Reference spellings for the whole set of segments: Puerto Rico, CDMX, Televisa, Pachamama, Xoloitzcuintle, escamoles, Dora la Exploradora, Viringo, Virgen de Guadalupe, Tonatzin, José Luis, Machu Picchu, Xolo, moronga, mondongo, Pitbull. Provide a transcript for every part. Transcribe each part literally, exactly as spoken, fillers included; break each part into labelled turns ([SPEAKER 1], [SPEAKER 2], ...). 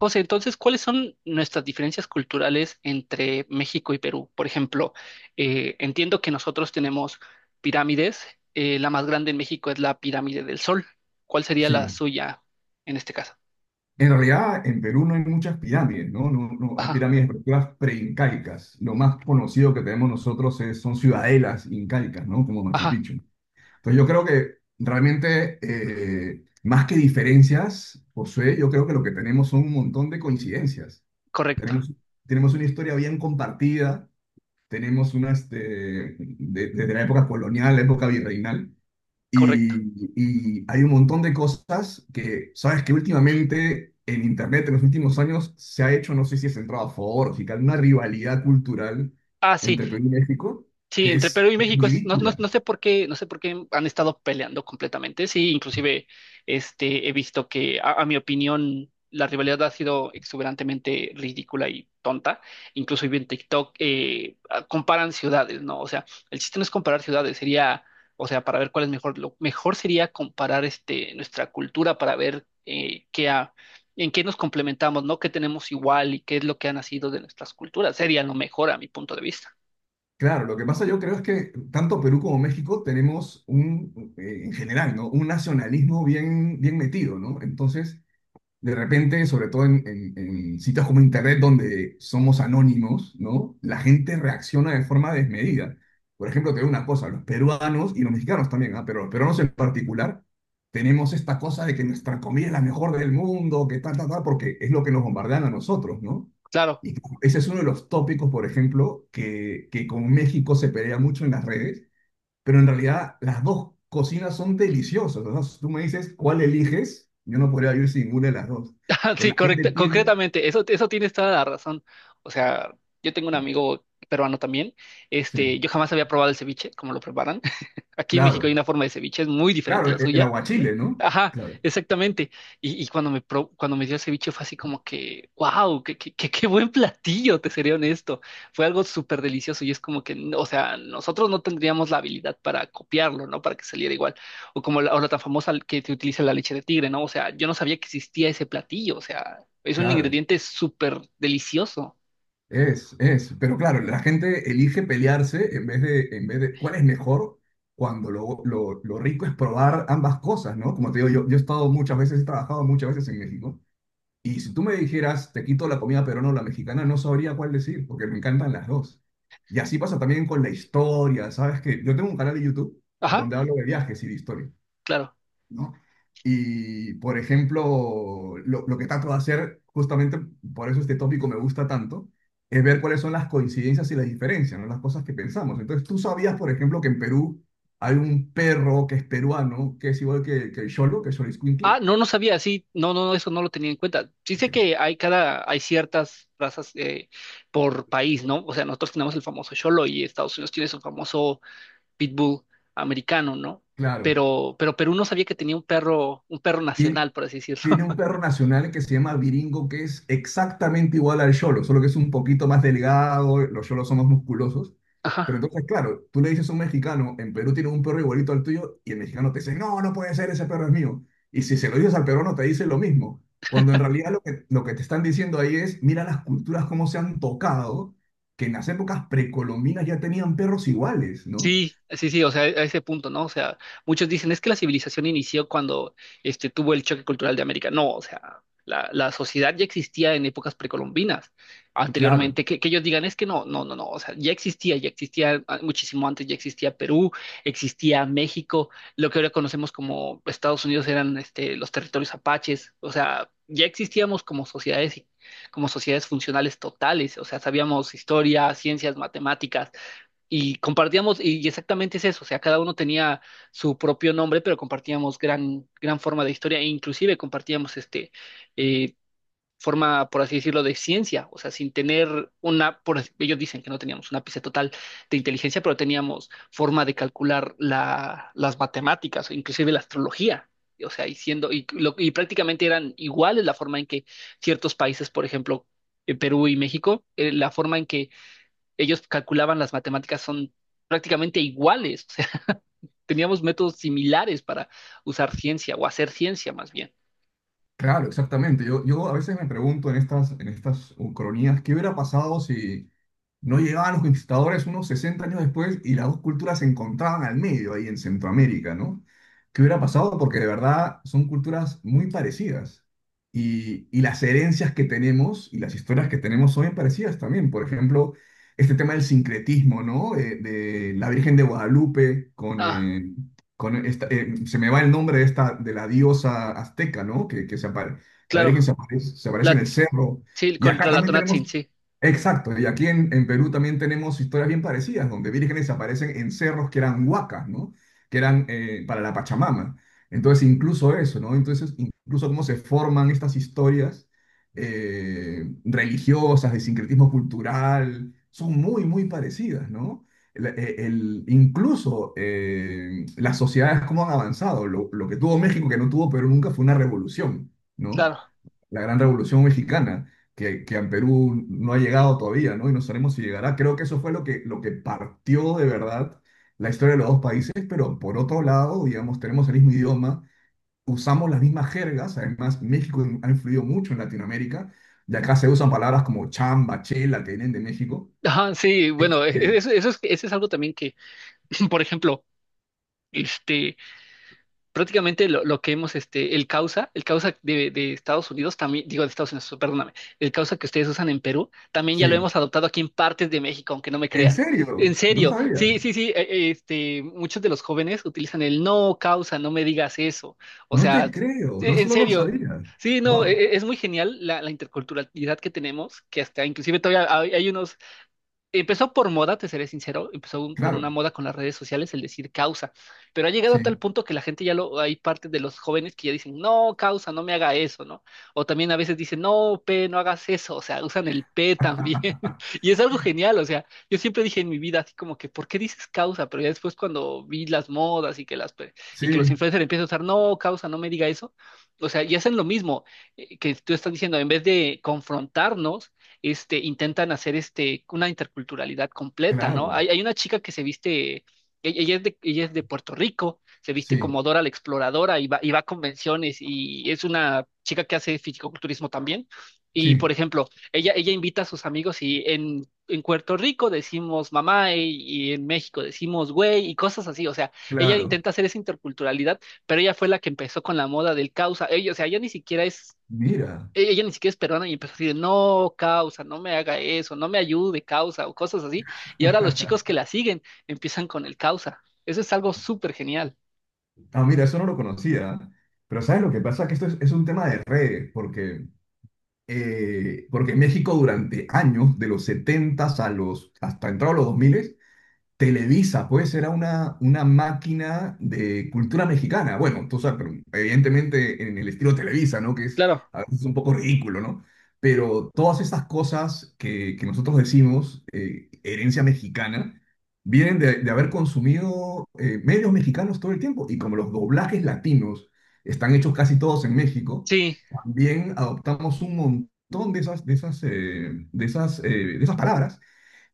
[SPEAKER 1] José, entonces, ¿cuáles son nuestras diferencias culturales entre México y Perú? Por ejemplo, eh, entiendo que nosotros tenemos pirámides. Eh, la más grande en México es la pirámide del Sol. ¿Cuál sería la
[SPEAKER 2] Sí,
[SPEAKER 1] suya en este caso?
[SPEAKER 2] en realidad en Perú no hay muchas pirámides, ¿no? No, no hay
[SPEAKER 1] Ajá,
[SPEAKER 2] pirámides, estructuras preincaicas. Lo más conocido que tenemos nosotros es- son ciudadelas incaicas, ¿no? Como Machu
[SPEAKER 1] ajá,
[SPEAKER 2] Picchu. Entonces yo creo que realmente, eh, más que diferencias, José, yo creo que lo que tenemos son un montón de coincidencias.
[SPEAKER 1] correcto,
[SPEAKER 2] Tenemos, tenemos una historia bien compartida, tenemos una, este, de- desde la época colonial, la época virreinal.
[SPEAKER 1] correcto.
[SPEAKER 2] Y, y hay un montón de cosas que, sabes que últimamente en Internet en los últimos años se ha hecho, no sé si es entrado a favor o si tal, una rivalidad cultural
[SPEAKER 1] Ah, sí.
[SPEAKER 2] entre Perú y México
[SPEAKER 1] Sí,
[SPEAKER 2] que
[SPEAKER 1] entre
[SPEAKER 2] es,
[SPEAKER 1] Perú y
[SPEAKER 2] es
[SPEAKER 1] México es- no, no, no
[SPEAKER 2] ridícula.
[SPEAKER 1] sé por qué, no sé por qué han estado peleando completamente. Sí, inclusive este he visto que a, a mi opinión la rivalidad ha sido exuberantemente ridícula y tonta. Incluso vi en TikTok eh, ah, comparan ciudades, ¿no? O sea, el chiste no es comparar ciudades, sería, o sea, para ver cuál es mejor, lo mejor sería comparar este nuestra cultura para ver eh, qué ha- en qué nos complementamos, ¿no? ¿Qué tenemos igual y qué es lo que ha nacido de nuestras culturas? Sería lo mejor a mi punto de vista.
[SPEAKER 2] Claro, lo que pasa yo creo es que tanto Perú como México tenemos un, eh, en general, ¿no? Un nacionalismo bien, bien metido, ¿no? Entonces, de repente, sobre todo en, en- en sitios como Internet, donde somos anónimos, ¿no? La gente reacciona de forma desmedida. Por ejemplo, te digo una cosa, los peruanos y los mexicanos también, ¿ah? Pero los peruanos en particular, tenemos esta cosa de que nuestra comida es la mejor del mundo, que tal, tal, tal, porque es lo que nos bombardean a nosotros, ¿no?
[SPEAKER 1] Claro.
[SPEAKER 2] Y ese es uno de los tópicos, por ejemplo, que, que con México se pelea mucho en las redes, pero en realidad las dos cocinas son deliciosas, ¿no? Si tú me dices cuál eliges, yo no podría vivir sin ninguna de las dos. Pero
[SPEAKER 1] Sí,
[SPEAKER 2] la gente
[SPEAKER 1] correcta,
[SPEAKER 2] tiende.
[SPEAKER 1] concretamente, eso, eso tienes toda la razón. O sea, yo tengo un amigo peruano también. Este,
[SPEAKER 2] Sí,
[SPEAKER 1] yo jamás había probado el ceviche, como lo preparan. Aquí en México hay
[SPEAKER 2] claro,
[SPEAKER 1] una forma de ceviche, es muy diferente a
[SPEAKER 2] claro,
[SPEAKER 1] la
[SPEAKER 2] el el,
[SPEAKER 1] suya.
[SPEAKER 2] aguachile, ¿no?
[SPEAKER 1] Ajá,
[SPEAKER 2] Claro,
[SPEAKER 1] exactamente. Y, y cuando me pro- cuando me dio el ceviche fue así como que, wow, qué, qué, qué, qué buen platillo, te seré honesto. Fue algo súper delicioso y es como que, n- o sea, nosotros no tendríamos la habilidad para copiarlo, ¿no? Para que saliera igual. O como la, o la tan famosa que te utiliza la leche de tigre, ¿no? O sea, yo no sabía que existía ese platillo, o sea, es un
[SPEAKER 2] claro,
[SPEAKER 1] ingrediente súper delicioso.
[SPEAKER 2] es, es. Pero claro, la gente elige pelearse en vez de, en vez de cuál es mejor. Cuando lo, lo, lo rico es probar ambas cosas, ¿no? Como te digo, yo, yo he estado muchas veces, he trabajado muchas veces en México. Y si tú me dijeras, te quito la comida pero no la mexicana, no sabría cuál decir, porque me encantan las dos. Y así pasa también con la historia, ¿sabes? Que yo tengo un canal de YouTube
[SPEAKER 1] Ajá,
[SPEAKER 2] donde hablo de viajes y de historia,
[SPEAKER 1] claro.
[SPEAKER 2] ¿no? Y, por ejemplo, lo, lo que trato de hacer, justamente por eso este tópico me gusta tanto, es ver cuáles son las coincidencias y las diferencias, ¿no? Las cosas que pensamos. Entonces, tú sabías, por ejemplo, que en Perú hay un perro que es peruano, que es igual que, que el Xolo, que es
[SPEAKER 1] Ah,
[SPEAKER 2] Xoloitzcuintle.
[SPEAKER 1] no, no sabía, sí, no, no, no, eso no lo tenía en cuenta. Sí sé que hay cada, hay ciertas razas eh, por país, ¿no? O sea, nosotros tenemos el famoso Xolo y Estados Unidos tiene su famoso Pitbull americano, ¿no?
[SPEAKER 2] Claro.
[SPEAKER 1] Pero, pero Perú no sabía que tenía un perro, un perro
[SPEAKER 2] Y
[SPEAKER 1] nacional, por así decirlo.
[SPEAKER 2] tiene un perro nacional que se llama Viringo, que es exactamente igual al Yolo, solo que es un poquito más delgado, los Yolos son más musculosos. Pero
[SPEAKER 1] Ajá.
[SPEAKER 2] entonces, claro, tú le dices a un mexicano, en Perú tiene un perro igualito al tuyo, y el mexicano te dice, no, no puede ser, ese perro es mío. Y si se lo dices al peruano, te dice lo mismo. Cuando en realidad lo que, lo que te están diciendo ahí es, mira las culturas cómo se han tocado, que en las épocas precolombinas ya tenían perros iguales, ¿no?
[SPEAKER 1] Sí, sí, sí, o sea, a ese punto, ¿no? O sea, muchos dicen, es que la civilización inició cuando este, tuvo el choque cultural de América. No, o sea, la, la sociedad ya existía en épocas precolombinas,
[SPEAKER 2] Claro,
[SPEAKER 1] anteriormente, que, que ellos digan, es que no, no, no, no, o sea, ya existía, ya existía ah, muchísimo antes, ya existía Perú, existía México, lo que ahora conocemos como Estados Unidos eran este, los territorios apaches, o sea, ya existíamos como sociedades, como sociedades funcionales totales, o sea, sabíamos historia, ciencias, matemáticas y compartíamos, y exactamente es eso, o sea, cada uno tenía su propio nombre, pero compartíamos gran, gran forma de historia, e inclusive compartíamos este eh, forma, por así decirlo, de ciencia, o sea, sin tener una, por, así- ellos dicen que no teníamos un ápice total de inteligencia, pero teníamos forma de calcular la, las matemáticas, o inclusive la astrología. O sea, y siendo, y, lo- y prácticamente eran iguales la forma en que ciertos países, por ejemplo, eh, Perú y México, eh, la forma en que ellos calculaban las matemáticas son prácticamente iguales. O sea, teníamos métodos similares para usar ciencia o hacer ciencia más bien.
[SPEAKER 2] claro, exactamente. Yo, yo a veces me pregunto en estas, en estas uh, cronías, ¿qué hubiera pasado si no llegaban los conquistadores unos sesenta años después y las dos culturas se encontraban al medio ahí en Centroamérica, ¿no? ¿Qué hubiera pasado? Porque de verdad son culturas muy parecidas y, y las herencias que tenemos y las historias que tenemos son bien parecidas también. Por ejemplo, este tema del sincretismo, ¿no? De, de la Virgen de Guadalupe con...
[SPEAKER 1] Ah,
[SPEAKER 2] eh, con esta, eh, se me va el nombre de esta, de la diosa azteca, ¿no? Que, que se apare- la
[SPEAKER 1] claro.
[SPEAKER 2] Virgen se aparece, se aparece en
[SPEAKER 1] La,
[SPEAKER 2] el cerro.
[SPEAKER 1] sí,
[SPEAKER 2] Y acá
[SPEAKER 1] contra la
[SPEAKER 2] también tenemos.
[SPEAKER 1] Tonatzin, sí,
[SPEAKER 2] Exacto, y aquí en, en Perú también tenemos historias bien parecidas, donde vírgenes aparecen en cerros que eran huacas, ¿no? Que eran eh, para la Pachamama. Entonces, incluso eso, ¿no? Entonces, incluso cómo se forman estas historias eh, religiosas, de sincretismo cultural, son muy, muy parecidas, ¿no? El- eh, el- incluso eh, las sociedades, cómo han avanzado. Lo, lo que tuvo México, que, no tuvo Perú nunca, fue una revolución, ¿no?
[SPEAKER 1] claro.
[SPEAKER 2] La gran revolución mexicana, que, que en Perú no ha llegado todavía, ¿no? Y no sabemos si llegará. Creo que eso fue lo que, lo que partió de verdad la historia de los dos países, pero por otro lado, digamos, tenemos el mismo idioma, usamos las mismas jergas, además México ha influido mucho en Latinoamérica, de acá se usan palabras como chamba, chela, que vienen de México.
[SPEAKER 1] Ajá, sí,
[SPEAKER 2] Este,
[SPEAKER 1] bueno, e- e- eso, eso es, eso es algo también que, por ejemplo, este, prácticamente lo, lo que hemos, este, el causa, el causa de, de Estados Unidos, también, digo de Estados Unidos, perdóname, el causa que ustedes usan en Perú, también ya lo
[SPEAKER 2] sí,
[SPEAKER 1] hemos adoptado aquí en partes de México, aunque no me
[SPEAKER 2] en
[SPEAKER 1] creas. En
[SPEAKER 2] serio, no
[SPEAKER 1] serio,
[SPEAKER 2] sabía,
[SPEAKER 1] sí, sí, sí, eh, eh, este, muchos de los jóvenes utilizan el no causa, no me digas eso. O
[SPEAKER 2] no te
[SPEAKER 1] sea,
[SPEAKER 2] creo, no
[SPEAKER 1] e- en
[SPEAKER 2] solo no lo
[SPEAKER 1] serio.
[SPEAKER 2] sabía.
[SPEAKER 1] Sí, no, e-
[SPEAKER 2] Wow,
[SPEAKER 1] e- es muy genial la, la interculturalidad que tenemos, que hasta inclusive todavía hay hay unos. Empezó por moda, te seré sincero, empezó un- por una
[SPEAKER 2] claro,
[SPEAKER 1] moda con las redes sociales, el decir causa, pero ha llegado a tal
[SPEAKER 2] sí,
[SPEAKER 1] punto que la gente ya lo, hay parte de los jóvenes que ya dicen, no, causa, no me haga eso, ¿no? O también a veces dicen, no, P, no hagas eso, o sea, usan el P también, y es algo genial, o sea, yo siempre dije en mi vida, así como que, ¿por qué dices causa? Pero ya después cuando vi las modas y que las, pe- y que los
[SPEAKER 2] sí,
[SPEAKER 1] influencers empiezan a usar, no, causa, no me diga eso, o sea, y hacen lo mismo eh, que tú estás diciendo, en vez de confrontarnos, este, intentan hacer este, una interculturalidad completa, ¿no?
[SPEAKER 2] claro,
[SPEAKER 1] Hay, hay una chica que se viste, ella, ella es de, ella es de Puerto Rico, se viste
[SPEAKER 2] sí.
[SPEAKER 1] como Dora la Exploradora y va, y va a convenciones y es una chica que hace fisicoculturismo también. Y, por
[SPEAKER 2] Sí,
[SPEAKER 1] ejemplo, ella, ella invita a sus amigos y en, en Puerto Rico decimos mamá y, y en México decimos güey y cosas así. O sea, ella
[SPEAKER 2] claro,
[SPEAKER 1] intenta hacer esa interculturalidad, pero ella fue la que empezó con la moda del causa. Ella, o sea, ella ni siquiera es
[SPEAKER 2] mira.
[SPEAKER 1] e-, ella ni siquiera es peruana y empezó a decir no, causa, no me haga eso, no me ayude, causa, o cosas así. Y ahora los chicos que la siguen empiezan con el causa. Eso es algo súper genial.
[SPEAKER 2] Ah, mira, eso no lo conocía. Pero ¿sabes lo que pasa? Que esto es, es un tema de redes, porque, eh, porque México durante años, de los setenta a los, hasta entrado a los dos mil, Televisa, pues era una, una máquina de cultura mexicana. Bueno, tú sabes, pero evidentemente en el estilo Televisa, ¿no? Que es
[SPEAKER 1] Claro,
[SPEAKER 2] a veces un poco ridículo, ¿no? Pero todas estas cosas que, que nosotros decimos, eh, herencia mexicana, vienen de, de haber consumido eh, medios mexicanos todo el tiempo. Y como los doblajes latinos están hechos casi todos en México,
[SPEAKER 1] sí,
[SPEAKER 2] también adoptamos un montón de esas, de esas, eh, de esas, eh, de esas palabras,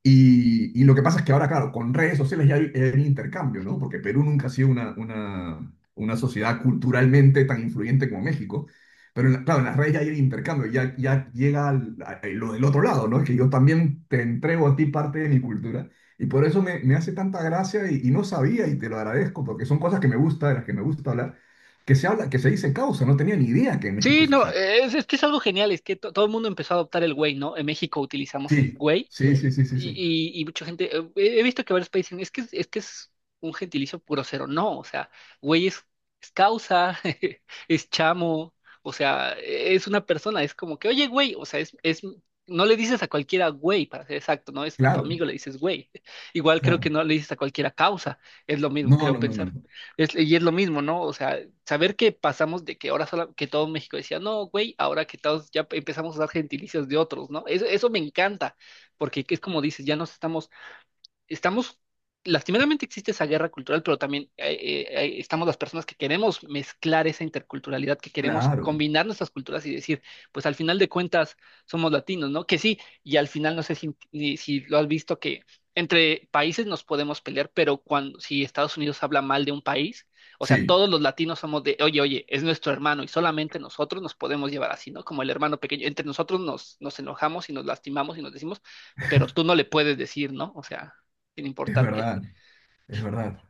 [SPEAKER 2] y, y lo que pasa es que ahora, claro, con redes sociales ya hay, hay un intercambio, ¿no? Porque Perú nunca ha sido una, una, una sociedad culturalmente tan influyente como México. Pero en la- claro, en las redes ya hay el intercambio, ya, ya llega al- a- a lo del otro lado, ¿no? es Que yo también te entrego a ti parte de mi cultura. Y por eso me, me hace tanta gracia y, y no sabía y te lo agradezco, porque son cosas que me gusta, de las que me gusta hablar, que se habla, que se dice causa. No tenía ni idea que en México
[SPEAKER 1] sí,
[SPEAKER 2] se
[SPEAKER 1] no,
[SPEAKER 2] usaba.
[SPEAKER 1] es, es que es algo genial, es que to- todo el mundo empezó a adoptar el güey, ¿no? En México utilizamos el
[SPEAKER 2] Sí,
[SPEAKER 1] güey.
[SPEAKER 2] sí, sí, sí, sí,
[SPEAKER 1] Y,
[SPEAKER 2] sí.
[SPEAKER 1] y- y mucha gente, eh, he he visto que varios países dicen, es que, es es que es un gentilicio puro cero. No, o sea, güey es, es causa, es chamo, o sea, es una persona, es como que, oye, güey, o sea, es, es, no le dices a cualquiera güey, para ser exacto, no es a tu
[SPEAKER 2] Claro,
[SPEAKER 1] amigo le dices güey. Igual creo que
[SPEAKER 2] claro.
[SPEAKER 1] no le dices a cualquiera causa, es lo mismo,
[SPEAKER 2] No,
[SPEAKER 1] creo
[SPEAKER 2] no, no, no.
[SPEAKER 1] pensar.
[SPEAKER 2] No.
[SPEAKER 1] Es, y es lo mismo, ¿no? O sea, saber que pasamos de que ahora solo, que todo México decía, no, güey, ahora que todos ya empezamos a usar gentilicios de otros, ¿no? Eso, eso me encanta porque es como dices, ya nos estamos estamos, lastimeramente existe esa guerra cultural, pero también eh, eh, eh, estamos las personas que queremos mezclar esa interculturalidad, que queremos
[SPEAKER 2] Claro.
[SPEAKER 1] combinar nuestras culturas y decir, pues al final de cuentas somos latinos, ¿no? Que sí, y al final no sé si, si- si lo has visto que entre países nos podemos pelear, pero cuando si Estados Unidos habla mal de un país, o sea,
[SPEAKER 2] Sí,
[SPEAKER 1] todos los latinos somos de, oye, oye, es nuestro hermano y solamente nosotros nos podemos llevar así, ¿no? Como el hermano pequeño, entre nosotros nos, nos enojamos y nos lastimamos y nos decimos, pero tú no le puedes decir, ¿no? O sea sin
[SPEAKER 2] es
[SPEAKER 1] importar qué.
[SPEAKER 2] verdad, es verdad.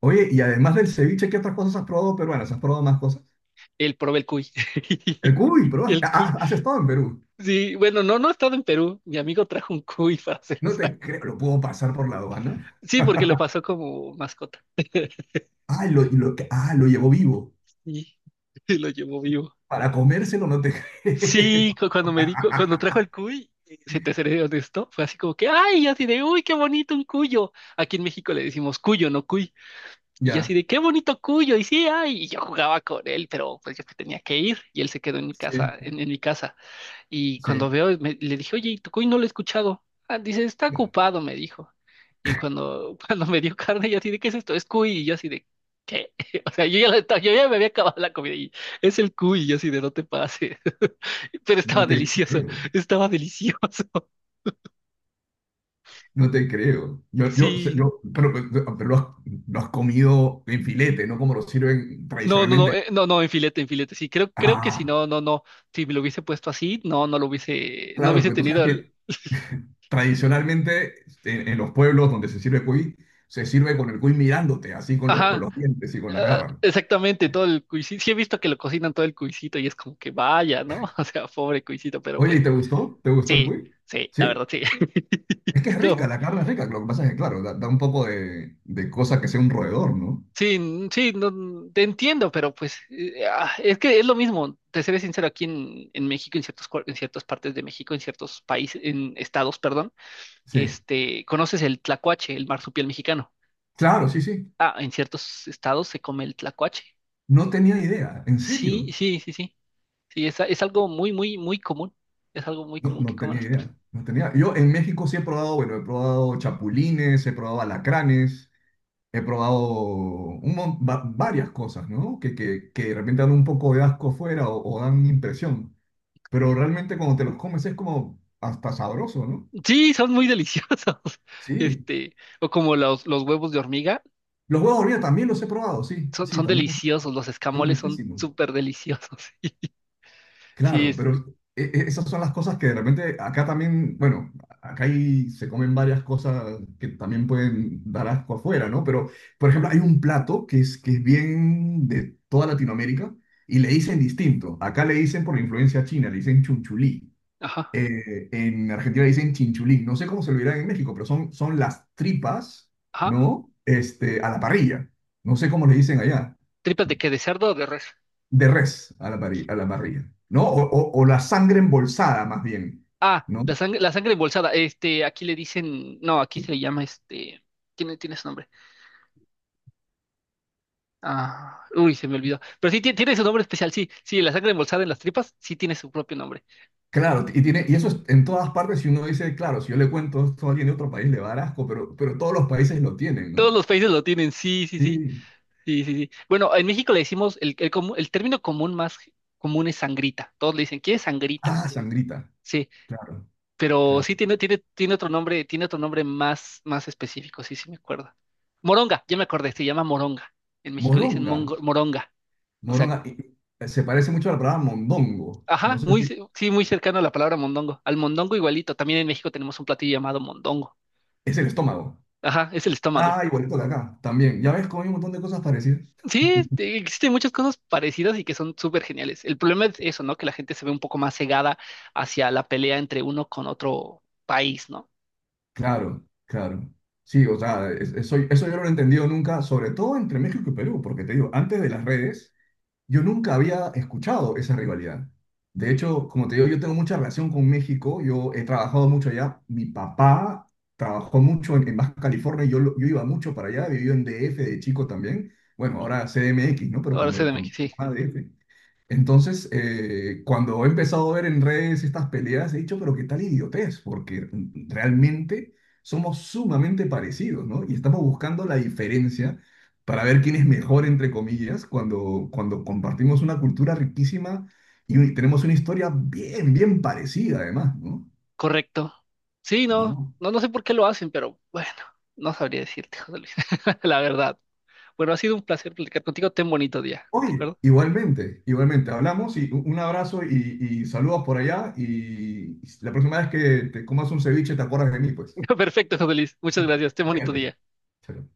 [SPEAKER 2] Oye, y además del ceviche, ¿qué otras cosas has probado peruanas? ¿Has probado más cosas?
[SPEAKER 1] Él probé el cuy.
[SPEAKER 2] El cuy, pero
[SPEAKER 1] El cuy.
[SPEAKER 2] has estado en Perú.
[SPEAKER 1] Sí, bueno, no, no he estado en Perú. Mi amigo trajo un cuy para hacer
[SPEAKER 2] No
[SPEAKER 1] esa.
[SPEAKER 2] te creo, lo puedo pasar por la aduana.
[SPEAKER 1] Sí, porque lo pasó como mascota.
[SPEAKER 2] Ah, lo, lo, que- ah, lo llevó vivo.
[SPEAKER 1] Y y lo llevó vivo.
[SPEAKER 2] Para comérselo no te
[SPEAKER 1] Sí,
[SPEAKER 2] creo.
[SPEAKER 1] cu- cuando me di, cu- cuando trajo el cuy, eh, si te seré honesto, fue así como que, ay, y así de, uy, qué bonito un cuyo. Aquí en México le decimos cuyo, no cuy. Y yo así
[SPEAKER 2] Ya,
[SPEAKER 1] de, qué bonito cuyo. Y sí, ay, y yo jugaba con él, pero pues yo que tenía que ir. Y él se quedó en mi
[SPEAKER 2] sí,
[SPEAKER 1] casa, en, en mi casa. Y cuando
[SPEAKER 2] sí.
[SPEAKER 1] veo, me- le dije, oye, ¿y tu cuy no lo he escuchado? Ah, dice, está ocupado, me dijo. Y cuando, cuando me dio carne, yo así de, ¿qué es esto? Es cuy. Y yo así de, ¿qué? O sea, yo ya, la estaba- yo ya me había acabado la comida y es el cuy. Y yo así de, no te pases. Pero estaba
[SPEAKER 2] No te
[SPEAKER 1] delicioso,
[SPEAKER 2] creo,
[SPEAKER 1] estaba delicioso.
[SPEAKER 2] no te creo. Yo, yo, sé-
[SPEAKER 1] Sí.
[SPEAKER 2] yo, pero, pero, pero lo has, lo has comido en filete, no como lo sirven
[SPEAKER 1] No, no, no,
[SPEAKER 2] tradicionalmente.
[SPEAKER 1] eh, no, no, en filete, en filete. Sí, creo, creo que si
[SPEAKER 2] Ah,
[SPEAKER 1] no, no, no. Si me lo hubiese puesto así, no, no lo hubiese, no
[SPEAKER 2] claro,
[SPEAKER 1] hubiese
[SPEAKER 2] porque tú sabes
[SPEAKER 1] tenido el.
[SPEAKER 2] que tradicionalmente, en, en los pueblos donde se sirve cuy, se sirve con el cuy mirándote, así con, los con
[SPEAKER 1] Ajá.
[SPEAKER 2] los dientes y con las
[SPEAKER 1] Ah,
[SPEAKER 2] garras.
[SPEAKER 1] exactamente, todo el cuisito. Sí he visto que lo cocinan todo el cuisito y es como que vaya, ¿no? O sea, pobre cuisito, pero
[SPEAKER 2] Oye,
[SPEAKER 1] pues
[SPEAKER 2] ¿y te gustó? ¿Te gustó el
[SPEAKER 1] sí,
[SPEAKER 2] cuy?
[SPEAKER 1] sí, la verdad
[SPEAKER 2] Sí.
[SPEAKER 1] sí.
[SPEAKER 2] Es que es rica,
[SPEAKER 1] No,
[SPEAKER 2] la carne es rica. Lo que pasa es que, claro, da, da un poco de, de cosa que sea un roedor, ¿no?
[SPEAKER 1] sí, n- sí, no, te entiendo, pero pues eh, ah, es que es lo mismo, te seré sincero, aquí en, en México, en ciertos, cuar- en ciertas partes de México, en ciertos países, en estados, perdón,
[SPEAKER 2] Sí.
[SPEAKER 1] este, conoces el tlacuache, el marsupial mexicano.
[SPEAKER 2] Claro, sí, sí.
[SPEAKER 1] Ah, en ciertos estados se come el tlacuache.
[SPEAKER 2] No tenía idea, en
[SPEAKER 1] Sí,
[SPEAKER 2] serio.
[SPEAKER 1] sí, sí, sí. Sí, es, es algo muy, muy, muy común. Es algo muy
[SPEAKER 2] No,
[SPEAKER 1] común que
[SPEAKER 2] no
[SPEAKER 1] coman
[SPEAKER 2] tenía
[SPEAKER 1] las personas.
[SPEAKER 2] idea. No tenía. Yo en México sí he probado, bueno, he probado chapulines, he probado alacranes. He probado un mon- va- varias cosas, ¿no? Que, que, que de repente dan un poco de asco fuera o, o dan impresión. Pero realmente cuando te los comes es como hasta sabroso, ¿no?
[SPEAKER 1] Sí, son muy deliciosos.
[SPEAKER 2] Sí.
[SPEAKER 1] Este, o como los, los huevos de hormiga,
[SPEAKER 2] Los huevos de hormiga también los he probado, sí,
[SPEAKER 1] son,
[SPEAKER 2] sí,
[SPEAKER 1] son
[SPEAKER 2] también los-
[SPEAKER 1] deliciosos. Los
[SPEAKER 2] son
[SPEAKER 1] escamoles son
[SPEAKER 2] riquísimos.
[SPEAKER 1] súper deliciosos. Sí,
[SPEAKER 2] Claro,
[SPEAKER 1] es.
[SPEAKER 2] pero e- e- esas son las cosas que de repente acá también, bueno, acá hay, se comen varias cosas que también pueden dar asco afuera, ¿no? Pero, por ejemplo, hay un plato que es, que es bien de toda Latinoamérica y le dicen distinto. Acá le dicen, por la influencia china, le dicen chunchulí.
[SPEAKER 1] Ajá,
[SPEAKER 2] Eh, en Argentina le dicen chinchulín. No sé cómo se lo dirán en México, pero son, son las tripas,
[SPEAKER 1] ajá.
[SPEAKER 2] ¿no? Este, a la parrilla. No sé cómo le dicen allá,
[SPEAKER 1] ¿Tripas de qué? ¿De cerdo o de res?
[SPEAKER 2] de res a la, parri- a la parrilla, ¿no? O, o- o la sangre embolsada, más bien,
[SPEAKER 1] Ah, la
[SPEAKER 2] ¿no?
[SPEAKER 1] sangre, la sangre embolsada. Este, aquí le dicen. No, aquí se le llama este. Tiene, tiene su nombre. Ah, uy, se me olvidó. Pero sí, tiene, tiene su nombre especial, sí. Sí, la sangre embolsada en las tripas, sí tiene su propio nombre.
[SPEAKER 2] Claro, y, tiene, y eso es en todas partes. Si uno dice, claro, si yo le cuento esto a alguien de otro país, le va a dar asco, pero, pero todos los países lo tienen,
[SPEAKER 1] Todos
[SPEAKER 2] ¿no?
[SPEAKER 1] los países lo tienen, sí, sí, sí.
[SPEAKER 2] Sí.
[SPEAKER 1] Sí, sí, sí. Bueno, en México le decimos, el, el, comu- el término común más común es sangrita. Todos le dicen, ¿quieres sangrita?
[SPEAKER 2] Ah, sangrita.
[SPEAKER 1] Sí,
[SPEAKER 2] Claro,
[SPEAKER 1] pero
[SPEAKER 2] claro.
[SPEAKER 1] sí tiene, tiene, tiene otro nombre, tiene otro nombre más, más específico, sí, sí me acuerdo. Moronga, ya me acordé, se llama moronga. En México le dicen
[SPEAKER 2] Moronga.
[SPEAKER 1] mongo- moronga. O sea,
[SPEAKER 2] Moronga. y- y se parece mucho a la palabra mondongo. No
[SPEAKER 1] ajá,
[SPEAKER 2] sé
[SPEAKER 1] muy,
[SPEAKER 2] si
[SPEAKER 1] ce- sí, muy cercano a la palabra mondongo. Al mondongo igualito, también en México tenemos un platillo llamado mondongo.
[SPEAKER 2] es el estómago.
[SPEAKER 1] Ajá, es el
[SPEAKER 2] Ah,
[SPEAKER 1] estómago.
[SPEAKER 2] igualito de acá, también. Ya ves cómo hay un montón de cosas parecidas.
[SPEAKER 1] Sí, te- existen muchas cosas parecidas y que son súper geniales. El problema es eso, ¿no? Que la gente se ve un poco más cegada hacia la pelea entre uno con otro país, ¿no?
[SPEAKER 2] Claro, claro. Sí, o sea, es- eso, eso yo no lo he entendido nunca, sobre todo entre México y Perú, porque te digo, antes de las redes, yo nunca había escuchado esa rivalidad. De hecho, como te digo, yo tengo mucha relación con México, yo he trabajado mucho allá, mi papá trabajó mucho en, en Baja California, y yo, lo- yo iba mucho para allá, viví en D F de chico también, bueno,
[SPEAKER 1] Ujú.
[SPEAKER 2] ahora C D M X, ¿no? Pero
[SPEAKER 1] Ahora sé
[SPEAKER 2] cuando,
[SPEAKER 1] de
[SPEAKER 2] cuando
[SPEAKER 1] México, sí,
[SPEAKER 2] era D F. Entonces, eh, cuando he empezado a ver en redes estas peleas, he dicho, pero qué tal idiotez, porque realmente somos sumamente parecidos, ¿no? Y estamos buscando la diferencia para ver quién es mejor, entre comillas, cuando, cuando compartimos una cultura riquísima y un- tenemos una historia bien, bien parecida, además, ¿no?
[SPEAKER 1] correcto. Sí, no,
[SPEAKER 2] No.
[SPEAKER 1] no, no sé por qué lo hacen, pero bueno, no sabría decirte, José Luis, la verdad. Bueno, ha sido un placer platicar contigo. Ten bonito día, ¿de
[SPEAKER 2] Oye,
[SPEAKER 1] acuerdo?
[SPEAKER 2] igualmente, igualmente, hablamos, y un un abrazo y, y saludos por allá y la próxima vez que te comas un ceviche te acuerdas de mí, pues.
[SPEAKER 1] Perfecto, José Luis. Muchas gracias. Ten bonito
[SPEAKER 2] Cuídate.
[SPEAKER 1] día.
[SPEAKER 2] Chao.